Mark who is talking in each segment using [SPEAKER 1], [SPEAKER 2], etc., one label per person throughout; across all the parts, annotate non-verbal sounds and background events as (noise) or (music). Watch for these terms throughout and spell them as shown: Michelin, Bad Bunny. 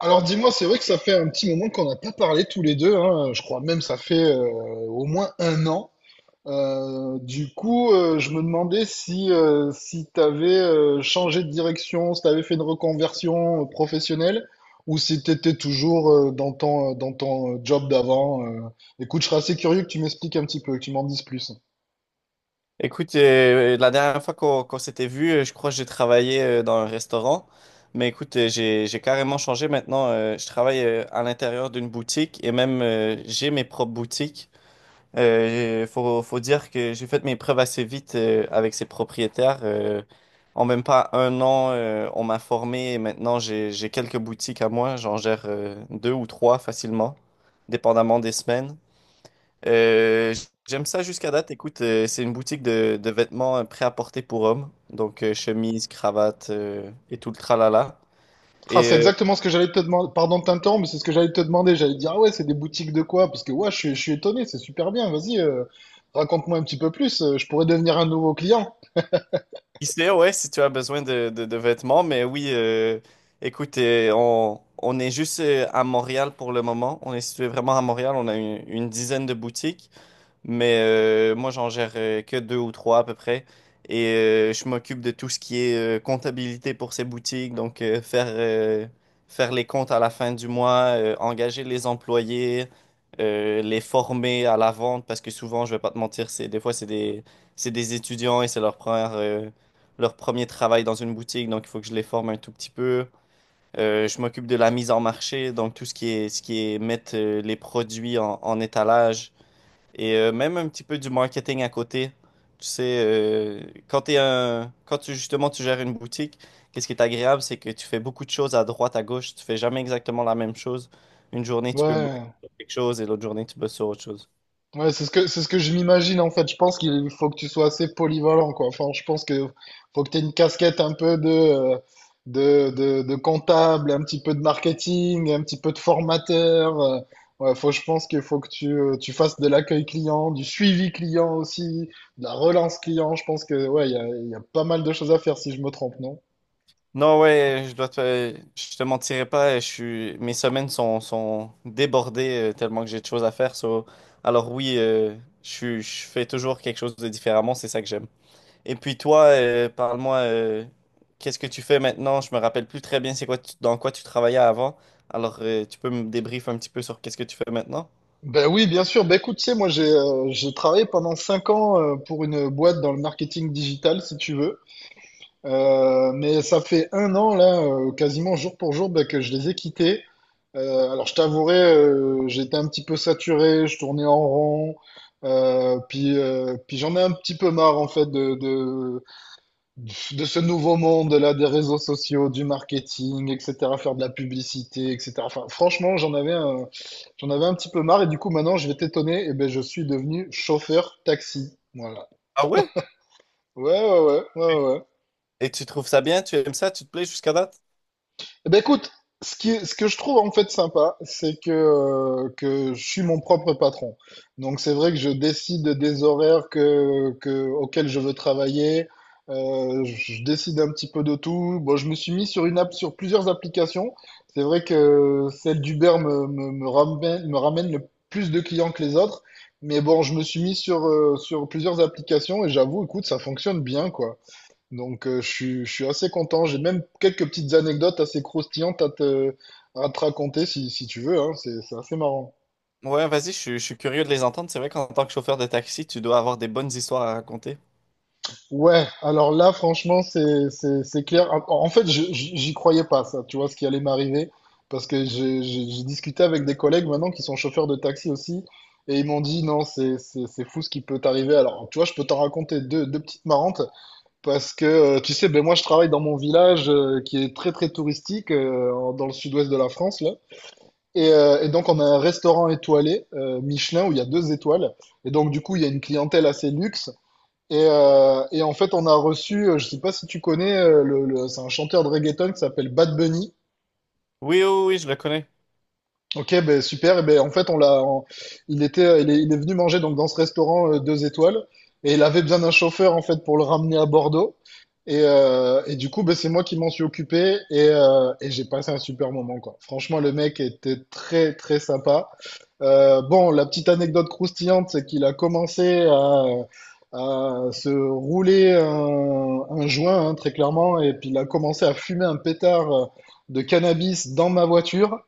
[SPEAKER 1] Alors dis-moi, c'est vrai que ça fait un petit moment qu'on n'a pas parlé tous les deux, hein. Je crois même ça fait au moins un an. Du coup, je me demandais si, si tu avais changé de direction, si tu avais fait une reconversion professionnelle ou si tu étais toujours dans ton job d'avant. Écoute, je serais assez curieux que tu m'expliques un petit peu, que tu m'en dises plus.
[SPEAKER 2] Écoute, la dernière fois qu'on s'était vu, je crois que j'ai travaillé dans un restaurant. Mais écoute, j'ai carrément changé maintenant. Je travaille à l'intérieur d'une boutique et même j'ai mes propres boutiques. Faut dire que j'ai fait mes preuves assez vite avec ces propriétaires. En même pas un an, on m'a formé et maintenant j'ai quelques boutiques à moi. J'en gère deux ou trois facilement, dépendamment des semaines. Euh, J'aime ça jusqu'à date. Écoute, c'est une boutique de vêtements prêt-à-porter pour hommes. Donc, chemise, cravate et tout le tralala.
[SPEAKER 1] Ah,
[SPEAKER 2] Et
[SPEAKER 1] c'est exactement ce que j'allais te demander. Pardon de t'interrompre, mais c'est ce que j'allais te demander. J'allais te dire, ah ouais, c'est des boutiques de quoi? Parce que ouais, je suis étonné, c'est super bien. Vas-y, raconte-moi un petit peu plus. Je pourrais devenir un nouveau client.
[SPEAKER 2] qui sait, ouais, si tu as besoin de vêtements. Mais oui, écoute, on est juste à Montréal pour le moment. On est situé vraiment à Montréal. On a une dizaine de boutiques. Mais moi, j'en gère que deux ou trois à peu près. Et je m'occupe de tout ce qui est comptabilité pour ces boutiques. Donc, faire les comptes à la fin du mois, engager les employés, les former à la vente. Parce que souvent, je vais pas te mentir, des fois, c'est des étudiants et c'est leur premier travail dans une boutique. Donc, il faut que je les forme un tout petit peu. Je m'occupe de la mise en marché. Donc, tout ce qui est mettre les produits en étalage et même un petit peu du marketing à côté. Tu sais, quand tu justement tu gères une boutique, qu'est-ce qui est agréable, c'est que tu fais beaucoup de choses à droite, à gauche. Tu fais jamais exactement la même chose. Une journée, tu peux bosser
[SPEAKER 1] Ouais.
[SPEAKER 2] sur quelque chose et l'autre journée, tu bosses sur autre chose.
[SPEAKER 1] Ouais, c'est ce que je m'imagine en fait. Je pense qu'il faut que tu sois assez polyvalent, quoi. Enfin, je pense que faut que tu aies une casquette un peu de comptable, un petit peu de marketing, un petit peu de formateur. Ouais, faut, je pense qu'il faut que tu fasses de l'accueil client, du suivi client aussi, de la relance client. Je pense que ouais, il y a pas mal de choses à faire si je me trompe, non?
[SPEAKER 2] Non, ouais, je te mentirai pas. Mes semaines sont débordées tellement que j'ai de choses à faire. Alors oui, je fais toujours quelque chose de différemment. C'est ça que j'aime. Et puis toi, parle-moi, qu'est-ce que tu fais maintenant? Je me rappelle plus très bien dans quoi tu travaillais avant. Alors, tu peux me débrief un petit peu sur qu'est-ce que tu fais maintenant?
[SPEAKER 1] Ben oui, bien sûr. Ben écoute, tu sais, moi j'ai travaillé pendant 5 ans pour une boîte dans le marketing digital, si tu veux. Mais ça fait un an, là, quasiment jour pour jour, bah, que je les ai quittés. Alors, je t'avouerai, j'étais un petit peu saturé, je tournais en rond. Puis j'en ai un petit peu marre, en fait, de ce nouveau monde, là, des réseaux sociaux, du marketing, etc., faire de la publicité, etc. Enfin, franchement, j'en avais un petit peu marre. Et du coup, maintenant, je vais t'étonner, et ben, je suis devenu chauffeur taxi. Voilà.
[SPEAKER 2] Ah ouais?
[SPEAKER 1] Ouais, ouais, ouais, ouais, ouais.
[SPEAKER 2] Et tu trouves ça bien? Tu aimes ça? Tu te plais jusqu'à date?
[SPEAKER 1] Eh ben écoute, ce que je trouve en fait sympa, c'est que je suis mon propre patron. Donc c'est vrai que je décide des horaires auxquels je veux travailler. Je décide un petit peu de tout. Bon, je me suis mis sur une app, sur plusieurs applications. C'est vrai que celle d'Uber me ramène le plus de clients que les autres. Mais bon, je me suis mis sur, sur plusieurs applications et j'avoue, écoute, ça fonctionne bien, quoi. Donc, je suis assez content. J'ai même quelques petites anecdotes assez croustillantes à te raconter si tu veux, hein. C'est assez marrant.
[SPEAKER 2] Ouais, vas-y, je suis curieux de les entendre. C'est vrai qu'en tant que chauffeur de taxi, tu dois avoir des bonnes histoires à raconter.
[SPEAKER 1] Ouais, alors là, franchement, c'est clair. En fait, j'y croyais pas, ça, tu vois, ce qui allait m'arriver. Parce que j'ai discuté avec des collègues maintenant qui sont chauffeurs de taxi aussi. Et ils m'ont dit, non, c'est fou ce qui peut t'arriver. Alors, tu vois, je peux t'en raconter deux petites marrantes. Parce que, tu sais, ben moi, je travaille dans mon village qui est très, très touristique dans le sud-ouest de la France. Et donc, on a un restaurant étoilé, Michelin, où il y a deux étoiles. Et donc, du coup, il y a une clientèle assez luxe. Et en fait, on a reçu, je sais pas si tu connais, c'est un chanteur de reggaeton qui s'appelle Bad Bunny.
[SPEAKER 2] Oui, oui, oui, je le connais.
[SPEAKER 1] Ok, ben super. Et ben en fait, il est venu manger donc dans ce restaurant deux étoiles et il avait besoin d'un chauffeur en fait pour le ramener à Bordeaux. Et du coup, ben, c'est moi qui m'en suis occupé et j'ai passé un super moment quoi. Franchement, le mec était très très sympa. Bon, la petite anecdote croustillante, c'est qu'il a commencé à se rouler un joint hein, très clairement et puis il a commencé à fumer un pétard de cannabis dans ma voiture.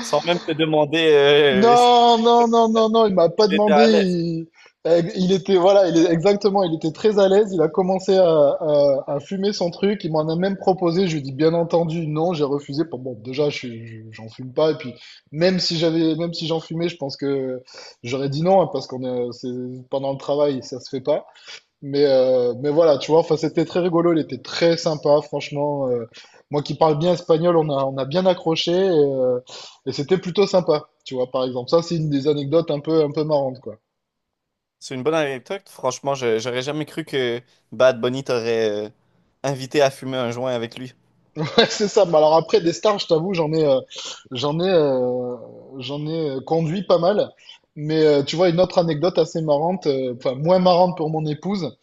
[SPEAKER 2] Sans même te demander (laughs) si
[SPEAKER 1] Non, non, non, non, non, il m'a pas
[SPEAKER 2] tu étais
[SPEAKER 1] demandé.
[SPEAKER 2] à l'aise.
[SPEAKER 1] Il était, voilà, il est exactement, il était très à l'aise. Il a commencé à fumer son truc. Il m'en a même proposé. Je lui ai dit, bien entendu, non, j'ai refusé. Bon, bon, déjà, j'en fume pas. Et puis, même si j'en fumais, je pense que j'aurais dit non, hein, c'est, pendant le travail, ça se fait pas. Mais voilà, tu vois, enfin, c'était très rigolo, il était très sympa, franchement. Moi qui parle bien espagnol, on a bien accroché et c'était plutôt sympa, tu vois, par exemple. Ça, c'est une des anecdotes un peu marrantes, quoi.
[SPEAKER 2] C'est une bonne anecdote. Franchement, j'aurais jamais cru que Bad Bunny t'aurait invité à fumer un joint avec lui.
[SPEAKER 1] (laughs) Ouais, c'est ça. Mais alors après, des stars, je t'avoue, j'en ai, j'en ai, euh, conduit pas mal. Mais tu vois, une autre anecdote assez marrante, enfin, moins marrante pour mon épouse.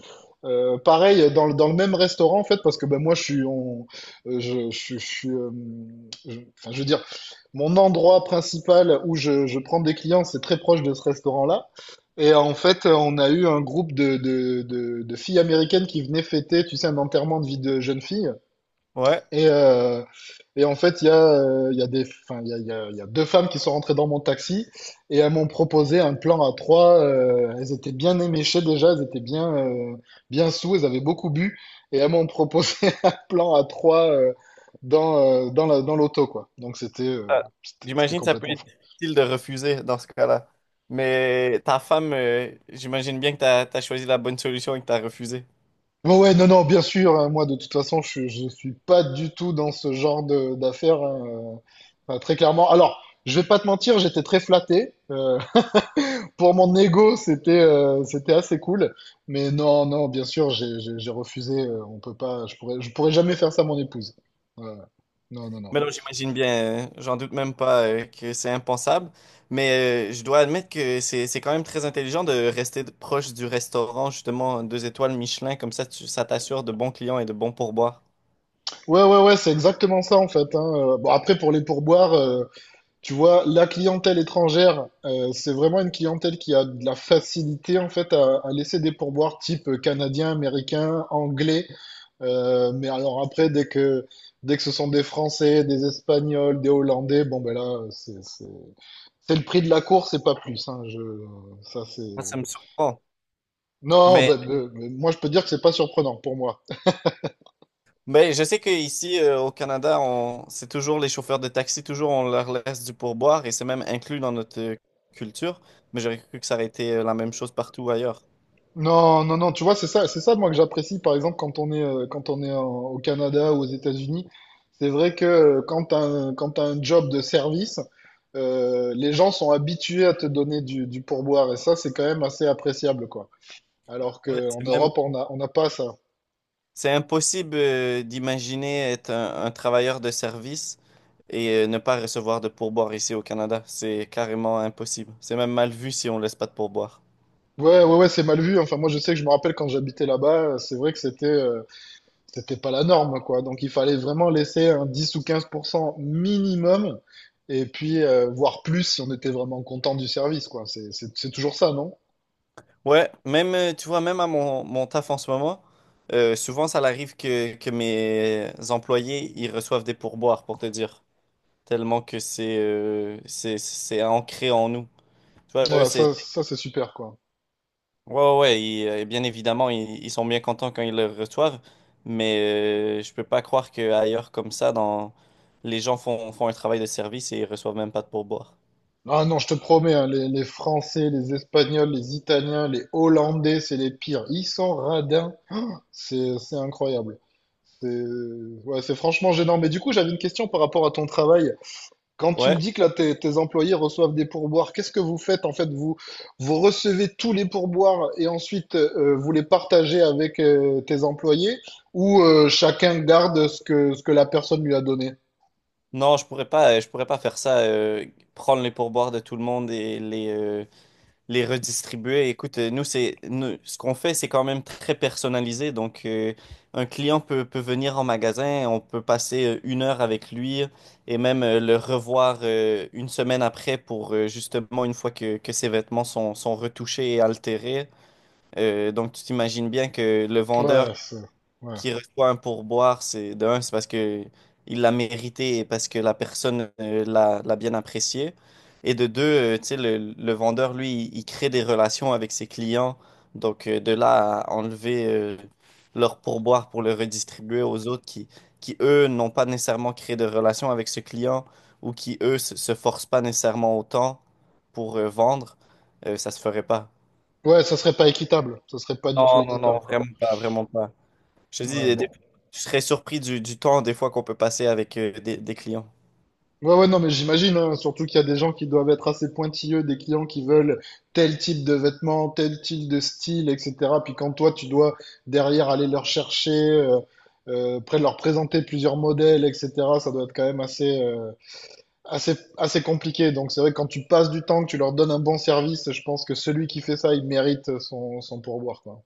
[SPEAKER 1] Pareil, dans le même restaurant, en fait, parce que ben, moi, euh, je, je, suis- je suis euh, enfin, je veux dire, mon endroit principal où je prends des clients, c'est très proche de ce restaurant-là. Et en fait, on a eu un groupe de filles américaines qui venaient fêter, tu sais, un enterrement de vie de jeune fille.
[SPEAKER 2] Ouais.
[SPEAKER 1] Et, euh, et en fait, il y a deux femmes qui sont rentrées dans mon taxi et elles m'ont proposé un plan à trois. Elles étaient bien éméchées déjà, elles étaient bien sous, elles avaient beaucoup bu et elles m'ont proposé (laughs) un plan à trois dans l'auto, quoi. Donc c'était, euh,
[SPEAKER 2] Ah,
[SPEAKER 1] c'était, c'était
[SPEAKER 2] j'imagine que ça peut
[SPEAKER 1] complètement
[SPEAKER 2] être
[SPEAKER 1] fou.
[SPEAKER 2] difficile de refuser dans ce cas-là. Mais ta femme, j'imagine bien que t'as choisi la bonne solution et que t'as refusé.
[SPEAKER 1] Bon, ouais, non, non, bien sûr, hein, moi de toute façon, je suis pas du tout dans ce genre d'affaires, hein, enfin, très clairement. Alors, je vais pas te mentir, j'étais très flatté. Pour mon ego, c'était assez cool. Mais non, non, bien sûr, j'ai refusé. On peut pas, je pourrais jamais faire ça à mon épouse. Ouais. Ouais. Non, non, non.
[SPEAKER 2] Mais non, j'imagine bien, j'en doute même pas, que c'est impensable. Mais je dois admettre que c'est quand même très intelligent de rester proche du restaurant, justement, deux étoiles Michelin, comme ça ça t'assure de bons clients et de bons pourboires.
[SPEAKER 1] Ouais, ouais, ouais, c'est exactement ça en fait, hein. Bon, après, pour les pourboires, tu vois, la clientèle étrangère, c'est vraiment une clientèle qui a de la facilité en fait à laisser des pourboires type canadien, américain, anglais. Mais alors après, dès que ce sont des Français, des Espagnols, des Hollandais, bon ben là, c'est le prix de la course et pas plus, hein. Ça,
[SPEAKER 2] Moi,
[SPEAKER 1] c'est...
[SPEAKER 2] ça me surprend.
[SPEAKER 1] Non,
[SPEAKER 2] Mais
[SPEAKER 1] bah, moi, je peux dire que c'est pas surprenant pour moi.
[SPEAKER 2] Mais je sais qu'ici, au Canada, on... c'est toujours les chauffeurs de taxi, toujours on leur laisse du pourboire et c'est même inclus dans notre culture. Mais j'aurais cru que ça aurait été la même chose partout ailleurs.
[SPEAKER 1] Non, non, non, tu vois, c'est ça, moi, que j'apprécie, par exemple, quand on est au Canada ou aux États-Unis. C'est vrai que quand t'as un job de service, les gens sont habitués à te donner du pourboire. Et ça, c'est quand même assez appréciable, quoi. Alors
[SPEAKER 2] Ouais,
[SPEAKER 1] qu'en
[SPEAKER 2] c'est même...
[SPEAKER 1] Europe, on n'a pas ça.
[SPEAKER 2] C'est impossible d'imaginer être un travailleur de service et ne pas recevoir de pourboire ici au Canada. C'est carrément impossible. C'est même mal vu si on laisse pas de pourboire.
[SPEAKER 1] Ouais, ouais, ouais, c'est mal vu. Enfin, moi, je sais que je me rappelle quand j'habitais là-bas, c'est vrai que c'était pas la norme, quoi. Donc il fallait vraiment laisser un 10 ou 15% minimum, et puis voire plus si on était vraiment content du service, quoi. C'est toujours ça, non?
[SPEAKER 2] Ouais, même, tu vois, même à mon taf en ce moment, souvent ça arrive que mes employés, ils reçoivent des pourboires, pour te dire, tellement que c'est ancré en nous. Tu vois, eux,
[SPEAKER 1] Voilà,
[SPEAKER 2] c'est...
[SPEAKER 1] ça c'est super, quoi.
[SPEAKER 2] Ouais, ouais, ouais, bien évidemment, ils sont bien contents quand ils le reçoivent, mais je peux pas croire qu'ailleurs comme ça, dans... les gens font un travail de service et ils reçoivent même pas de pourboire.
[SPEAKER 1] Ah non, je te promets, hein, les Français, les Espagnols, les Italiens, les Hollandais, c'est les pires. Ils sont radins, c'est incroyable. C'est ouais, c'est franchement gênant. Mais du coup, j'avais une question par rapport à ton travail. Quand tu me
[SPEAKER 2] Ouais,
[SPEAKER 1] dis que là, tes employés reçoivent des pourboires, qu'est-ce que vous faites en fait? Vous, vous recevez tous les pourboires et ensuite vous les partagez avec tes employés ou chacun garde ce que la personne lui a donné?
[SPEAKER 2] non, je pourrais pas faire ça, prendre les pourboires de tout le monde et les redistribuer. Écoute, nous, ce qu'on fait, c'est quand même très personnalisé. Donc, un client peut venir en magasin, on peut passer une heure avec lui et même le revoir une semaine après pour justement, une fois que ses vêtements sont retouchés et altérés. Donc, tu t'imagines bien que le vendeur
[SPEAKER 1] Ouais, ouais.
[SPEAKER 2] qui reçoit un pourboire, c'est de un, c'est parce que il l'a mérité et parce que la personne l'a bien apprécié. Et de deux, tu sais, le vendeur, lui, il crée des relations avec ses clients. Donc, de là à enlever leur pourboire pour le redistribuer aux autres qui eux, n'ont pas nécessairement créé de relation avec ce client ou qui, eux, se forcent pas nécessairement autant pour vendre, ça se ferait pas.
[SPEAKER 1] Ouais, ça serait pas équitable. Ça serait pas du tout
[SPEAKER 2] Non, non, non,
[SPEAKER 1] équitable, quoi.
[SPEAKER 2] vraiment pas, vraiment pas. Je te
[SPEAKER 1] Ouais,
[SPEAKER 2] dis, des-
[SPEAKER 1] bon.
[SPEAKER 2] je serais surpris du temps des fois qu'on peut passer avec des clients.
[SPEAKER 1] Ouais, ouais, non, mais j'imagine, hein, surtout qu'il y a des gens qui doivent être assez pointilleux, des clients qui veulent tel type de vêtements, tel type de style, etc. Puis quand toi, tu dois derrière aller leur chercher, après leur présenter plusieurs modèles, etc., ça doit être quand même assez compliqué. Donc c'est vrai que quand tu passes du temps, que tu leur donnes un bon service, je pense que celui qui fait ça, il mérite son pourboire, quoi.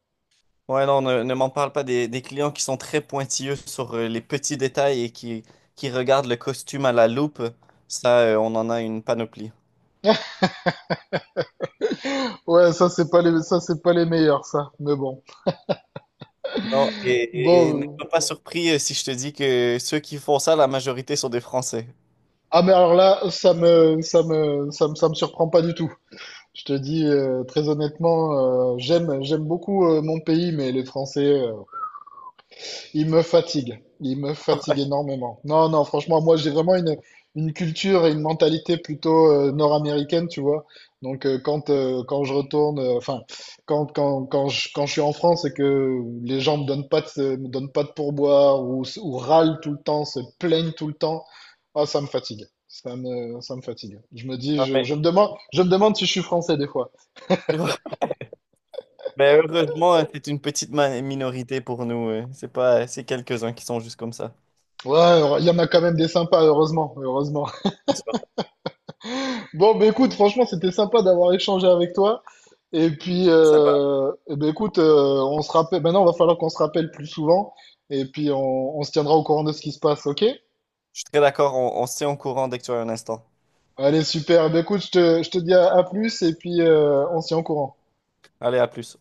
[SPEAKER 2] Ouais, non, ne m'en parle pas des clients qui sont très pointilleux sur les petits détails et qui regardent le costume à la loupe. Ça, on en a une panoplie.
[SPEAKER 1] Ouais, ça, c'est pas les meilleurs, ça. Mais bon.
[SPEAKER 2] Non, et ne
[SPEAKER 1] Bon.
[SPEAKER 2] sois pas surpris si je te dis que ceux qui font ça, la majorité sont des Français.
[SPEAKER 1] Ah, mais alors là, ça me surprend pas du tout. Je te dis très honnêtement, j'aime beaucoup mon pays, mais les Français, ils me fatiguent. Ils me fatiguent
[SPEAKER 2] (laughs)
[SPEAKER 1] énormément. Non, non, franchement, moi j'ai vraiment une culture et une mentalité plutôt nord-américaine, tu vois. Donc quand je retourne, enfin quand je suis en France et que les gens me donnent pas de pourboire ou râlent tout le temps, se plaignent tout le temps, ah ça me fatigue. Ça me fatigue. Je me dis,
[SPEAKER 2] Ouais,
[SPEAKER 1] je,
[SPEAKER 2] mais,
[SPEAKER 1] je me demande je me demande si je suis français des fois.
[SPEAKER 2] (laughs) mais heureusement, c'est une petite minorité pour nous. C'est pas, c'est quelques-uns qui sont juste comme ça.
[SPEAKER 1] Ouais, il y en a quand même des sympas, heureusement, heureusement. (laughs) Bon, bah écoute, franchement, c'était sympa d'avoir échangé avec toi. Et puis,
[SPEAKER 2] C'est sympa.
[SPEAKER 1] eh ben, écoute, on se rappelle. Maintenant, il va falloir qu'on se rappelle plus souvent. Et puis, on se tiendra au courant de ce qui se passe, ok?
[SPEAKER 2] Je suis très d'accord, on se tient au courant dès que tu as un instant.
[SPEAKER 1] Allez, super. Eh ben, écoute, je te dis à plus. Et puis, on se tient au courant.
[SPEAKER 2] Allez, à plus.